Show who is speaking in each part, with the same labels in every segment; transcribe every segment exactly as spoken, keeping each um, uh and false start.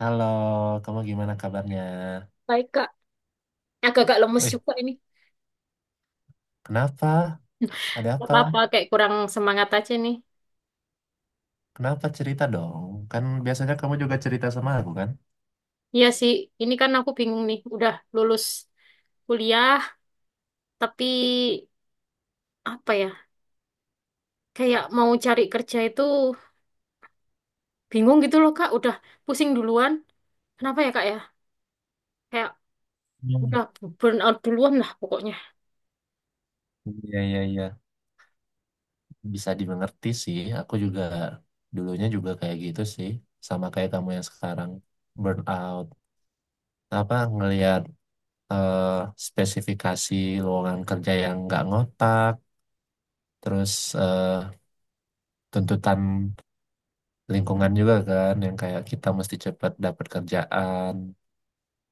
Speaker 1: Halo, kamu gimana kabarnya?
Speaker 2: Baik, Kak. Agak-agak lemes
Speaker 1: Wih,
Speaker 2: juga ini.
Speaker 1: kenapa? Ada
Speaker 2: Gak
Speaker 1: apa?
Speaker 2: apa-apa, kayak kurang semangat aja nih.
Speaker 1: Kenapa cerita dong? Kan biasanya kamu juga cerita sama aku kan?
Speaker 2: Iya sih, ini kan aku bingung nih. Udah lulus kuliah, tapi apa ya? Kayak mau cari kerja itu bingung gitu loh, Kak. Udah pusing duluan. Kenapa ya, Kak ya? Kayak
Speaker 1: Hmm.
Speaker 2: udah burn out duluan lah pokoknya.
Speaker 1: Iya, iya, iya, bisa dimengerti sih. Aku juga dulunya juga kayak gitu sih. Sama kayak kamu yang sekarang. Burnout. Apa, ngelihat eh, spesifikasi lowongan kerja yang nggak ngotak. Terus eh, tuntutan lingkungan juga kan. Yang kayak kita mesti cepat dapat kerjaan.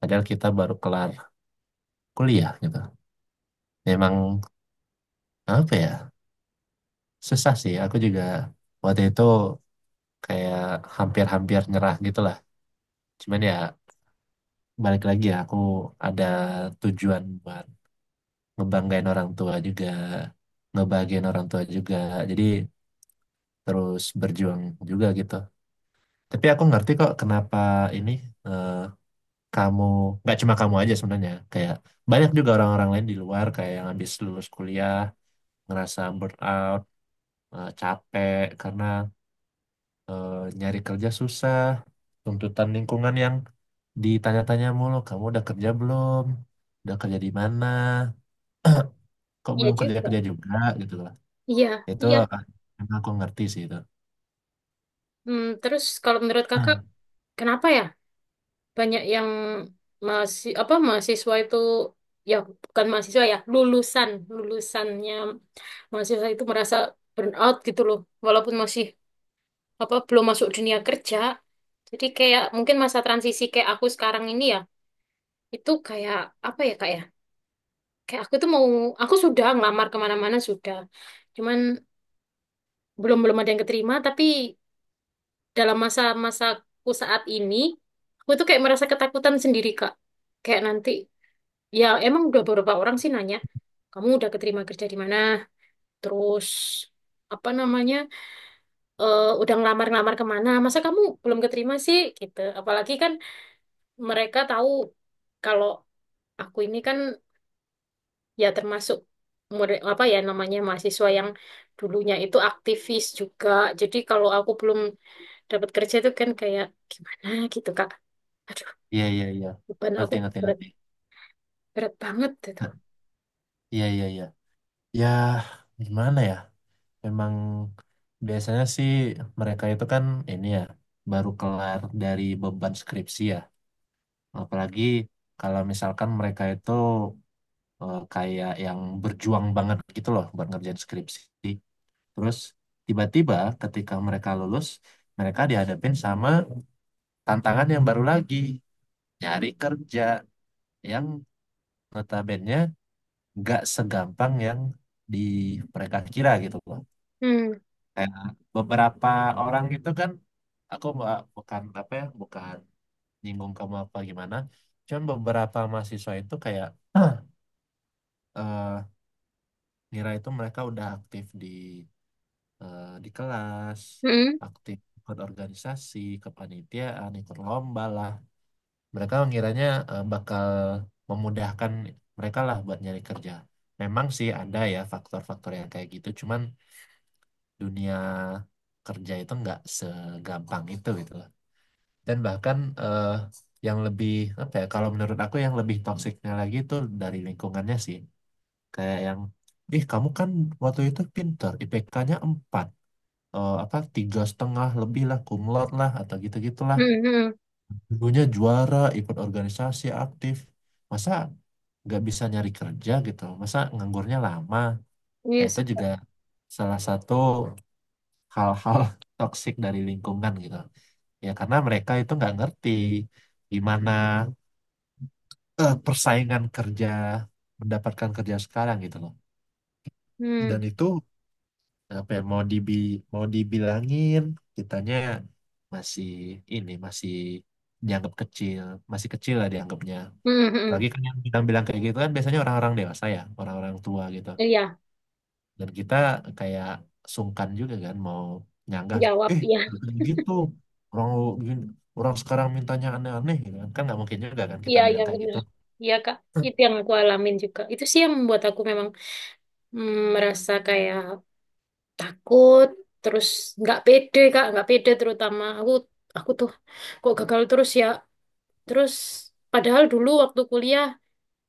Speaker 1: Padahal kita baru kelar kuliah gitu. Emang apa ya, susah sih. Aku juga waktu itu kayak hampir-hampir nyerah gitu lah. Cuman ya balik lagi ya, aku ada tujuan buat ngebanggain orang tua juga, ngebahagiain orang tua juga. Jadi terus berjuang juga gitu. Tapi aku ngerti kok kenapa ini eh, kamu, nggak cuma kamu aja sebenarnya, kayak banyak juga orang-orang lain di luar kayak yang habis lulus kuliah, ngerasa burnout, eh, capek karena eh, nyari kerja susah, tuntutan lingkungan yang ditanya-tanya mulu, kamu udah kerja belum? Udah kerja di mana? Kok
Speaker 2: Iya
Speaker 1: belum
Speaker 2: juga.
Speaker 1: kerja-kerja juga gitu loh.
Speaker 2: Iya,
Speaker 1: Itu
Speaker 2: iya.
Speaker 1: ah, emang aku ngerti sih itu.
Speaker 2: Hmm, terus kalau menurut Kakak,
Speaker 1: Ah,
Speaker 2: kenapa ya? Banyak yang masih apa mahasiswa itu, ya bukan mahasiswa, ya lulusan lulusannya mahasiswa itu merasa burnout gitu loh, walaupun masih apa belum masuk dunia kerja. Jadi kayak mungkin masa transisi kayak aku sekarang ini, ya itu kayak apa ya kak ya, kayak aku tuh mau, aku sudah ngelamar kemana-mana sudah, cuman belum belum ada yang keterima. Tapi dalam masa-masaku saat ini aku tuh kayak merasa ketakutan sendiri, Kak. Kayak nanti, ya emang udah beberapa orang sih nanya, kamu udah keterima kerja di mana? Terus, apa namanya, eh, udah ngelamar-ngelamar kemana? Masa kamu belum keterima sih? Gitu. Apalagi kan mereka tahu kalau aku ini kan ya termasuk murid- apa ya namanya mahasiswa yang dulunya itu aktivis juga. Jadi kalau aku belum dapat kerja itu kan kayak gimana gitu, Kak. Aduh,
Speaker 1: iya, iya, iya.
Speaker 2: beban aku
Speaker 1: Ngerti, ngerti,
Speaker 2: berat,
Speaker 1: ngerti.
Speaker 2: berat banget itu.
Speaker 1: Ah, iya, iya, iya. Ya, gimana ya? Memang biasanya sih mereka itu kan ini ya, baru kelar dari beban skripsi ya. Apalagi kalau misalkan mereka itu eh, kayak yang berjuang banget gitu loh buat ngerjain skripsi. Terus tiba-tiba ketika mereka lulus, mereka dihadapin sama tantangan yang baru lagi, nyari kerja yang notabene nggak segampang yang di mereka kira gitu loh.
Speaker 2: Hmm,
Speaker 1: Kayak beberapa orang gitu kan, aku nggak- bukan apa ya, bukan nyinggung kamu apa gimana, cuman beberapa mahasiswa itu kayak eh ngira itu mereka udah aktif di eh, di kelas,
Speaker 2: hmm,
Speaker 1: aktif ikut organisasi, kepanitiaan, ikut lomba lah. Mereka mengiranya eh, bakal memudahkan mereka lah buat nyari kerja. Memang sih ada ya faktor-faktor yang kayak gitu, cuman dunia kerja itu nggak segampang itu gitu loh. Dan bahkan eh, yang lebih apa ya? Kalau menurut aku yang lebih toksiknya lagi itu dari lingkungannya sih, kayak yang, ih, kamu kan waktu itu pinter, I P K-nya empat eh, apa tiga setengah lebih lah cum lah atau gitu gitulah,
Speaker 2: hmm, hmm.
Speaker 1: dulunya juara ikut organisasi aktif, masa nggak bisa nyari kerja gitu, masa nganggurnya lama. Nah
Speaker 2: Iya
Speaker 1: itu
Speaker 2: sih, Kak.
Speaker 1: juga salah satu hal-hal toksik dari lingkungan gitu ya, karena mereka itu nggak ngerti gimana eh, persaingan kerja mendapatkan kerja sekarang gitu loh.
Speaker 2: Hmm.
Speaker 1: Dan itu apa ya, mau dibi mau dibilangin, kitanya masih ini masih dianggap kecil, masih kecil lah dianggapnya
Speaker 2: Hmm, hmm,
Speaker 1: lagi
Speaker 2: hmm.
Speaker 1: kan. Yang bilang-bilang kayak gitu kan biasanya orang-orang dewasa ya, orang-orang tua gitu,
Speaker 2: Iya,
Speaker 1: dan kita kayak sungkan juga kan mau nyanggah,
Speaker 2: jawab
Speaker 1: eh
Speaker 2: ya.
Speaker 1: nggak kayak gitu, orang lu gini- orang sekarang mintanya aneh-aneh gitu kan. Kan nggak mungkin juga kan kita
Speaker 2: Iya, iya
Speaker 1: bilang kayak
Speaker 2: benar.
Speaker 1: gitu.
Speaker 2: Iya, Kak. Itu yang aku alamin juga. Itu sih yang membuat aku memang mm, merasa kayak takut, terus nggak pede, Kak, nggak pede. Terutama aku aku tuh kok gagal terus ya. Terus padahal dulu waktu kuliah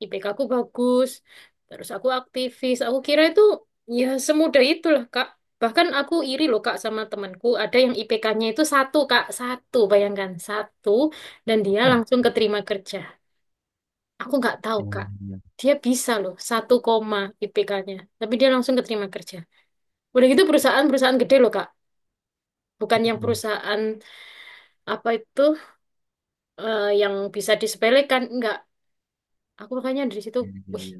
Speaker 2: I P K aku bagus, terus aku aktivis. Aku kira itu ya semudah itulah, Kak. Bahkan aku iri loh, Kak, sama temanku. Ada yang I P K-nya itu satu, Kak. Satu, bayangkan. Satu. Dan dia langsung keterima kerja. Aku nggak tahu,
Speaker 1: Hmm,
Speaker 2: Kak.
Speaker 1: iya,
Speaker 2: Dia bisa loh, satu koma I P K-nya. Tapi dia langsung keterima kerja. Udah gitu perusahaan-perusahaan gede loh, Kak. Bukan
Speaker 1: iya,
Speaker 2: yang
Speaker 1: iya.
Speaker 2: perusahaan apa itu, eh, yang bisa disepelekan. Enggak. Aku makanya dari situ,
Speaker 1: Iya, iya,
Speaker 2: wih,
Speaker 1: iya.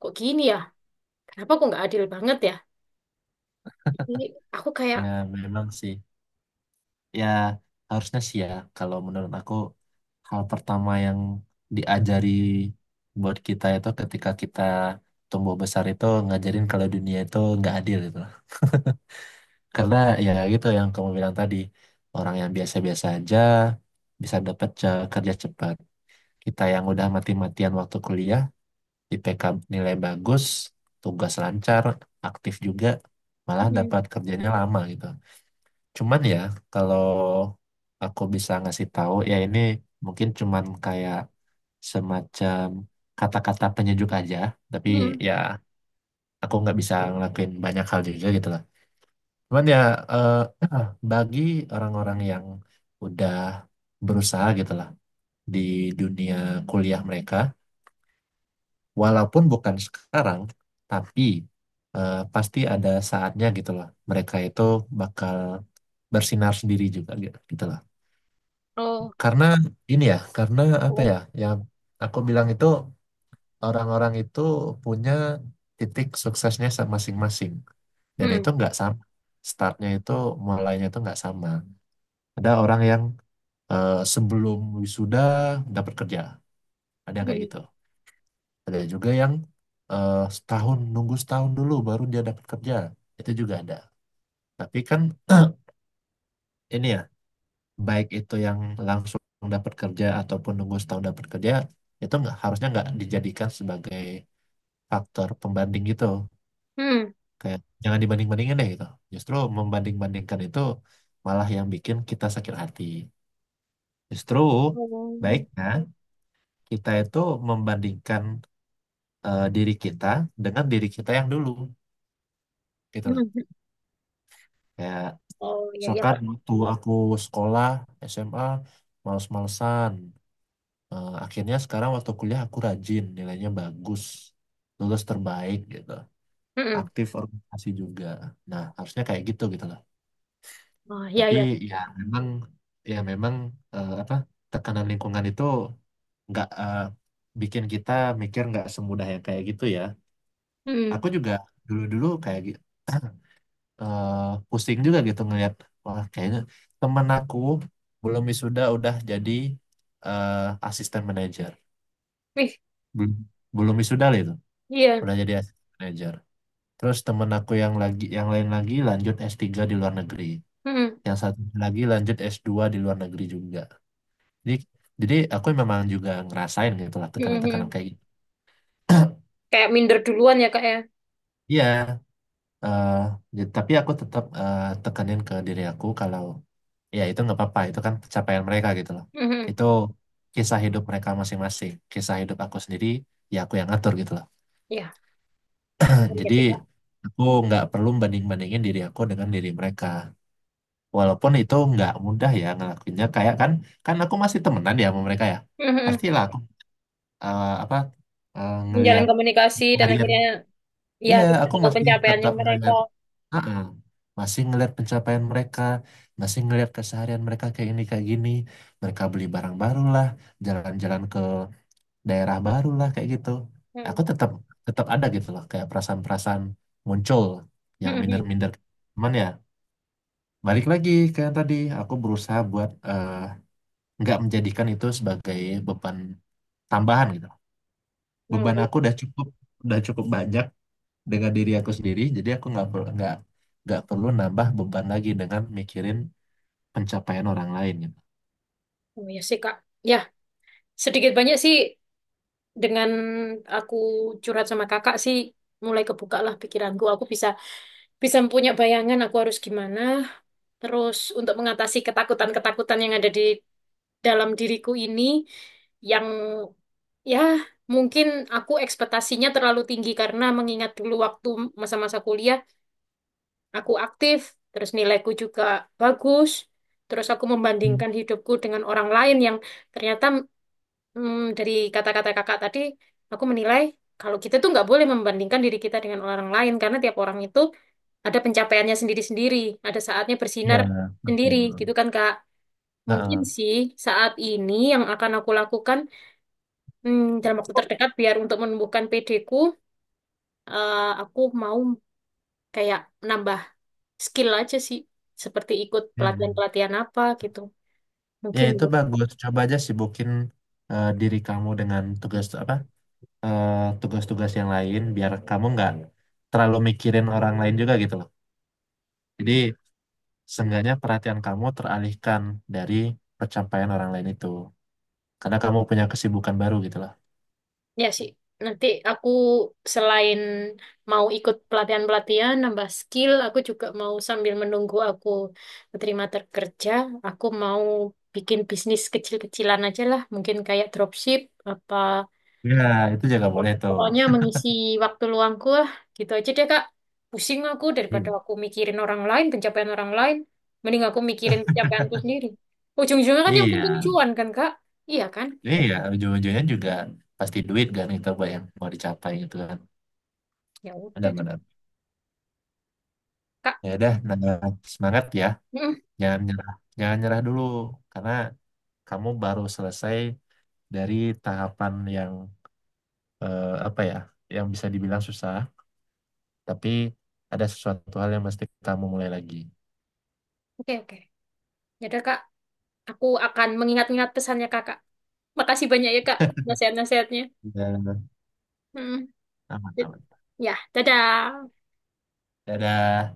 Speaker 2: kok gini ya? Kenapa kok nggak adil banget ya? Jadi aku kayak
Speaker 1: Ya memang sih, ya harusnya sih ya, kalau menurut aku hal pertama yang diajari buat kita itu ketika kita tumbuh besar itu ngajarin kalau dunia itu nggak adil gitu loh. Karena ya gitu yang kamu bilang tadi, orang yang biasa-biasa aja bisa dapat ce- kerja cepat. Kita yang udah mati-matian waktu kuliah, I P K nilai bagus, tugas lancar, aktif juga, malah
Speaker 2: hmm,
Speaker 1: dapat kerjanya lama gitu. Cuman ya, kalau aku bisa ngasih tahu, ya ini mungkin cuman kayak semacam kata-kata penyejuk aja. Tapi
Speaker 2: hmm, hmm,
Speaker 1: ya, aku nggak bisa ngelakuin banyak hal juga gitu lah. Cuman ya, eh, bagi orang-orang yang udah berusaha gitu lah di dunia kuliah mereka, walaupun bukan sekarang, tapi eh, pasti ada saatnya gitu loh. Mereka itu bakal bersinar sendiri juga gitu gitu lah.
Speaker 2: oh,
Speaker 1: Karena ini ya, karena apa
Speaker 2: oh,
Speaker 1: ya, yang aku bilang itu, orang-orang itu punya titik suksesnya sa- masing-masing. Dan itu
Speaker 2: hmm,
Speaker 1: nggak sama. Startnya itu, mulainya itu nggak sama. Ada orang yang eh, sebelum wisuda dapat kerja. Ada yang kayak
Speaker 2: hmm,
Speaker 1: gitu. Ada juga yang eh, setahun, nunggu setahun dulu baru dia dapat kerja. Itu juga ada. Tapi kan ini ya, baik itu yang langsung dapat kerja ataupun nunggu setahun dapat kerja, itu nggak harusnya nggak dijadikan sebagai faktor pembanding gitu.
Speaker 2: hmm,
Speaker 1: Kayak jangan dibanding-bandingin deh gitu, justru membanding-bandingkan itu malah yang bikin kita sakit hati. Justru
Speaker 2: oh,
Speaker 1: baiknya kita itu membandingkan eh, diri kita dengan diri kita yang dulu gitu
Speaker 2: hmm,
Speaker 1: lah.
Speaker 2: hmm,
Speaker 1: Kayak
Speaker 2: oh, ya ya,
Speaker 1: misalkan
Speaker 2: Kak.
Speaker 1: waktu aku sekolah S M A males-malesan, eh, akhirnya sekarang waktu kuliah aku rajin, nilainya bagus, lulus terbaik gitu,
Speaker 2: Hmm, hmm,
Speaker 1: aktif organisasi juga. Nah, harusnya kayak gitu gitu loh.
Speaker 2: oh ya
Speaker 1: Tapi
Speaker 2: ya,
Speaker 1: ya memang ya memang eh, apa tekanan lingkungan itu nggak eh, bikin kita mikir nggak semudah yang kayak gitu ya. Aku
Speaker 2: hmm,
Speaker 1: juga dulu-dulu kayak gi- eh, pusing juga gitu ngelihat, wah kayaknya temen aku belum wisuda udah jadi eh, asisten manajer.
Speaker 2: ih,
Speaker 1: Belum belum wisuda loh itu,
Speaker 2: iya,
Speaker 1: udah jadi assistant manager. Terus temen aku yang lagi yang lain lagi lanjut S tiga di luar negeri.
Speaker 2: hmm,
Speaker 1: Yang satu lagi lanjut S dua di luar negeri juga. Jadi jadi aku memang juga ngerasain gitu lah
Speaker 2: hmm, hmm.
Speaker 1: tekanan-tekanan
Speaker 2: Hmm,
Speaker 1: kayak gitu.
Speaker 2: kayak minder duluan ya kak ya,
Speaker 1: Iya, eh, ya, tapi aku tetap eh, tekanin ke diri aku kalau ya itu nggak apa-apa, itu kan pencapaian mereka gitu loh.
Speaker 2: hmm,
Speaker 1: Itu kisah hidup mereka masing-masing, kisah hidup aku sendiri ya aku yang ngatur gitu loh.
Speaker 2: ya, iya iya
Speaker 1: Jadi
Speaker 2: sih kak,
Speaker 1: aku nggak perlu banding-bandingin diri aku dengan diri mereka, walaupun itu nggak mudah ya ngelakuinnya. Kayak kan kan aku masih temenan ya sama mereka ya,
Speaker 2: hmm, hmm,
Speaker 1: pastilah aku eh, apa eh,
Speaker 2: menjalin
Speaker 1: ngelihat
Speaker 2: komunikasi dan
Speaker 1: harian.
Speaker 2: akhirnya ya
Speaker 1: Iya
Speaker 2: kita
Speaker 1: aku
Speaker 2: tahu
Speaker 1: masih
Speaker 2: pencapaiannya
Speaker 1: tetap
Speaker 2: mereka,
Speaker 1: ngelihat, ah, ah, masih ngelihat pencapaian mereka, masih ngelihat keseharian mereka kayak ini kayak gini, mereka beli barang baru lah, jalan-jalan ke daerah baru lah kayak gitu.
Speaker 2: hmm,
Speaker 1: Aku tetap tetap ada gitu loh kayak perasaan-perasaan muncul yang
Speaker 2: hmm, hmm.
Speaker 1: minder-minder. Cuman ya balik lagi ke yang tadi, aku berusaha buat eh, nggak menjadikan itu sebagai beban tambahan gitu.
Speaker 2: Oh,
Speaker 1: Beban
Speaker 2: iya.
Speaker 1: aku udah cukup, udah cukup banyak dengan diri aku sendiri, jadi aku nggak perlu nggak nggak perlu nambah beban lagi dengan mikirin pencapaian orang lain gitu.
Speaker 2: Oh, iya sih kak, ya sedikit banyak sih dengan aku curhat sama kakak sih mulai kebuka lah pikiranku. Aku bisa bisa punya bayangan aku harus gimana. Terus untuk mengatasi ketakutan-ketakutan yang ada di dalam diriku ini, yang ya mungkin aku ekspektasinya terlalu tinggi karena mengingat dulu waktu masa-masa kuliah aku aktif, terus nilaiku juga bagus. Terus aku
Speaker 1: Hmm.
Speaker 2: membandingkan hidupku dengan orang lain yang ternyata hmm, dari kata-kata kakak tadi, aku menilai kalau kita tuh nggak boleh membandingkan diri kita dengan orang lain karena tiap orang itu ada pencapaiannya sendiri-sendiri, ada saatnya bersinar
Speaker 1: Ya,
Speaker 2: sendiri,
Speaker 1: betul.
Speaker 2: gitu kan Kak? Mungkin
Speaker 1: Heeh.
Speaker 2: sih saat ini yang akan aku lakukan, hmm, dalam waktu terdekat biar untuk menumbuhkan P D-ku, eh, aku mau kayak nambah skill aja sih, seperti ikut
Speaker 1: Mm-mm.
Speaker 2: pelatihan-pelatihan apa gitu.
Speaker 1: Ya
Speaker 2: Mungkin.
Speaker 1: itu bagus. Coba aja sibukin eh, diri kamu dengan tugas apa eh, tugas-tugas yang lain biar kamu nggak terlalu mikirin orang lain juga gitu loh. Jadi seenggaknya perhatian kamu teralihkan dari pencapaian orang lain itu. Karena kamu punya kesibukan baru gitu lah.
Speaker 2: Ya sih, nanti aku selain mau ikut pelatihan-pelatihan, nambah skill, aku juga mau sambil menunggu aku terima kerja, aku mau bikin bisnis kecil-kecilan aja lah, mungkin kayak dropship, apa
Speaker 1: Ya, itu juga boleh tuh.
Speaker 2: pokoknya mengisi waktu luangku lah, gitu aja deh Kak. Pusing aku daripada
Speaker 1: Hmm.
Speaker 2: aku mikirin orang lain, pencapaian orang lain, mending aku mikirin pencapaianku sendiri. Ujung-ujungnya kan yang
Speaker 1: Iya,
Speaker 2: penting cuan kan Kak? Iya kan?
Speaker 1: iya. Ujung-ujungnya juga pasti duit kan kita buat yang mau dicapai gitu kan.
Speaker 2: Ya udah deh
Speaker 1: Benar-benar.
Speaker 2: Kak.
Speaker 1: Ya udah, nah, semangat ya.
Speaker 2: Mm,
Speaker 1: Jangan nyerah, jangan nyerah dulu. Karena kamu baru selesai dari tahapan yang eh, apa ya, yang bisa dibilang susah. Tapi ada sesuatu hal yang mesti kamu mulai lagi.
Speaker 2: oke oke. Ya udah Kak. Aku akan mengingat-ingat pesannya kakak. Makasih banyak ya kak nasihat-nasihatnya.
Speaker 1: Dan
Speaker 2: Mm.
Speaker 1: aman, aman.
Speaker 2: Ya, dadah.
Speaker 1: Dadah.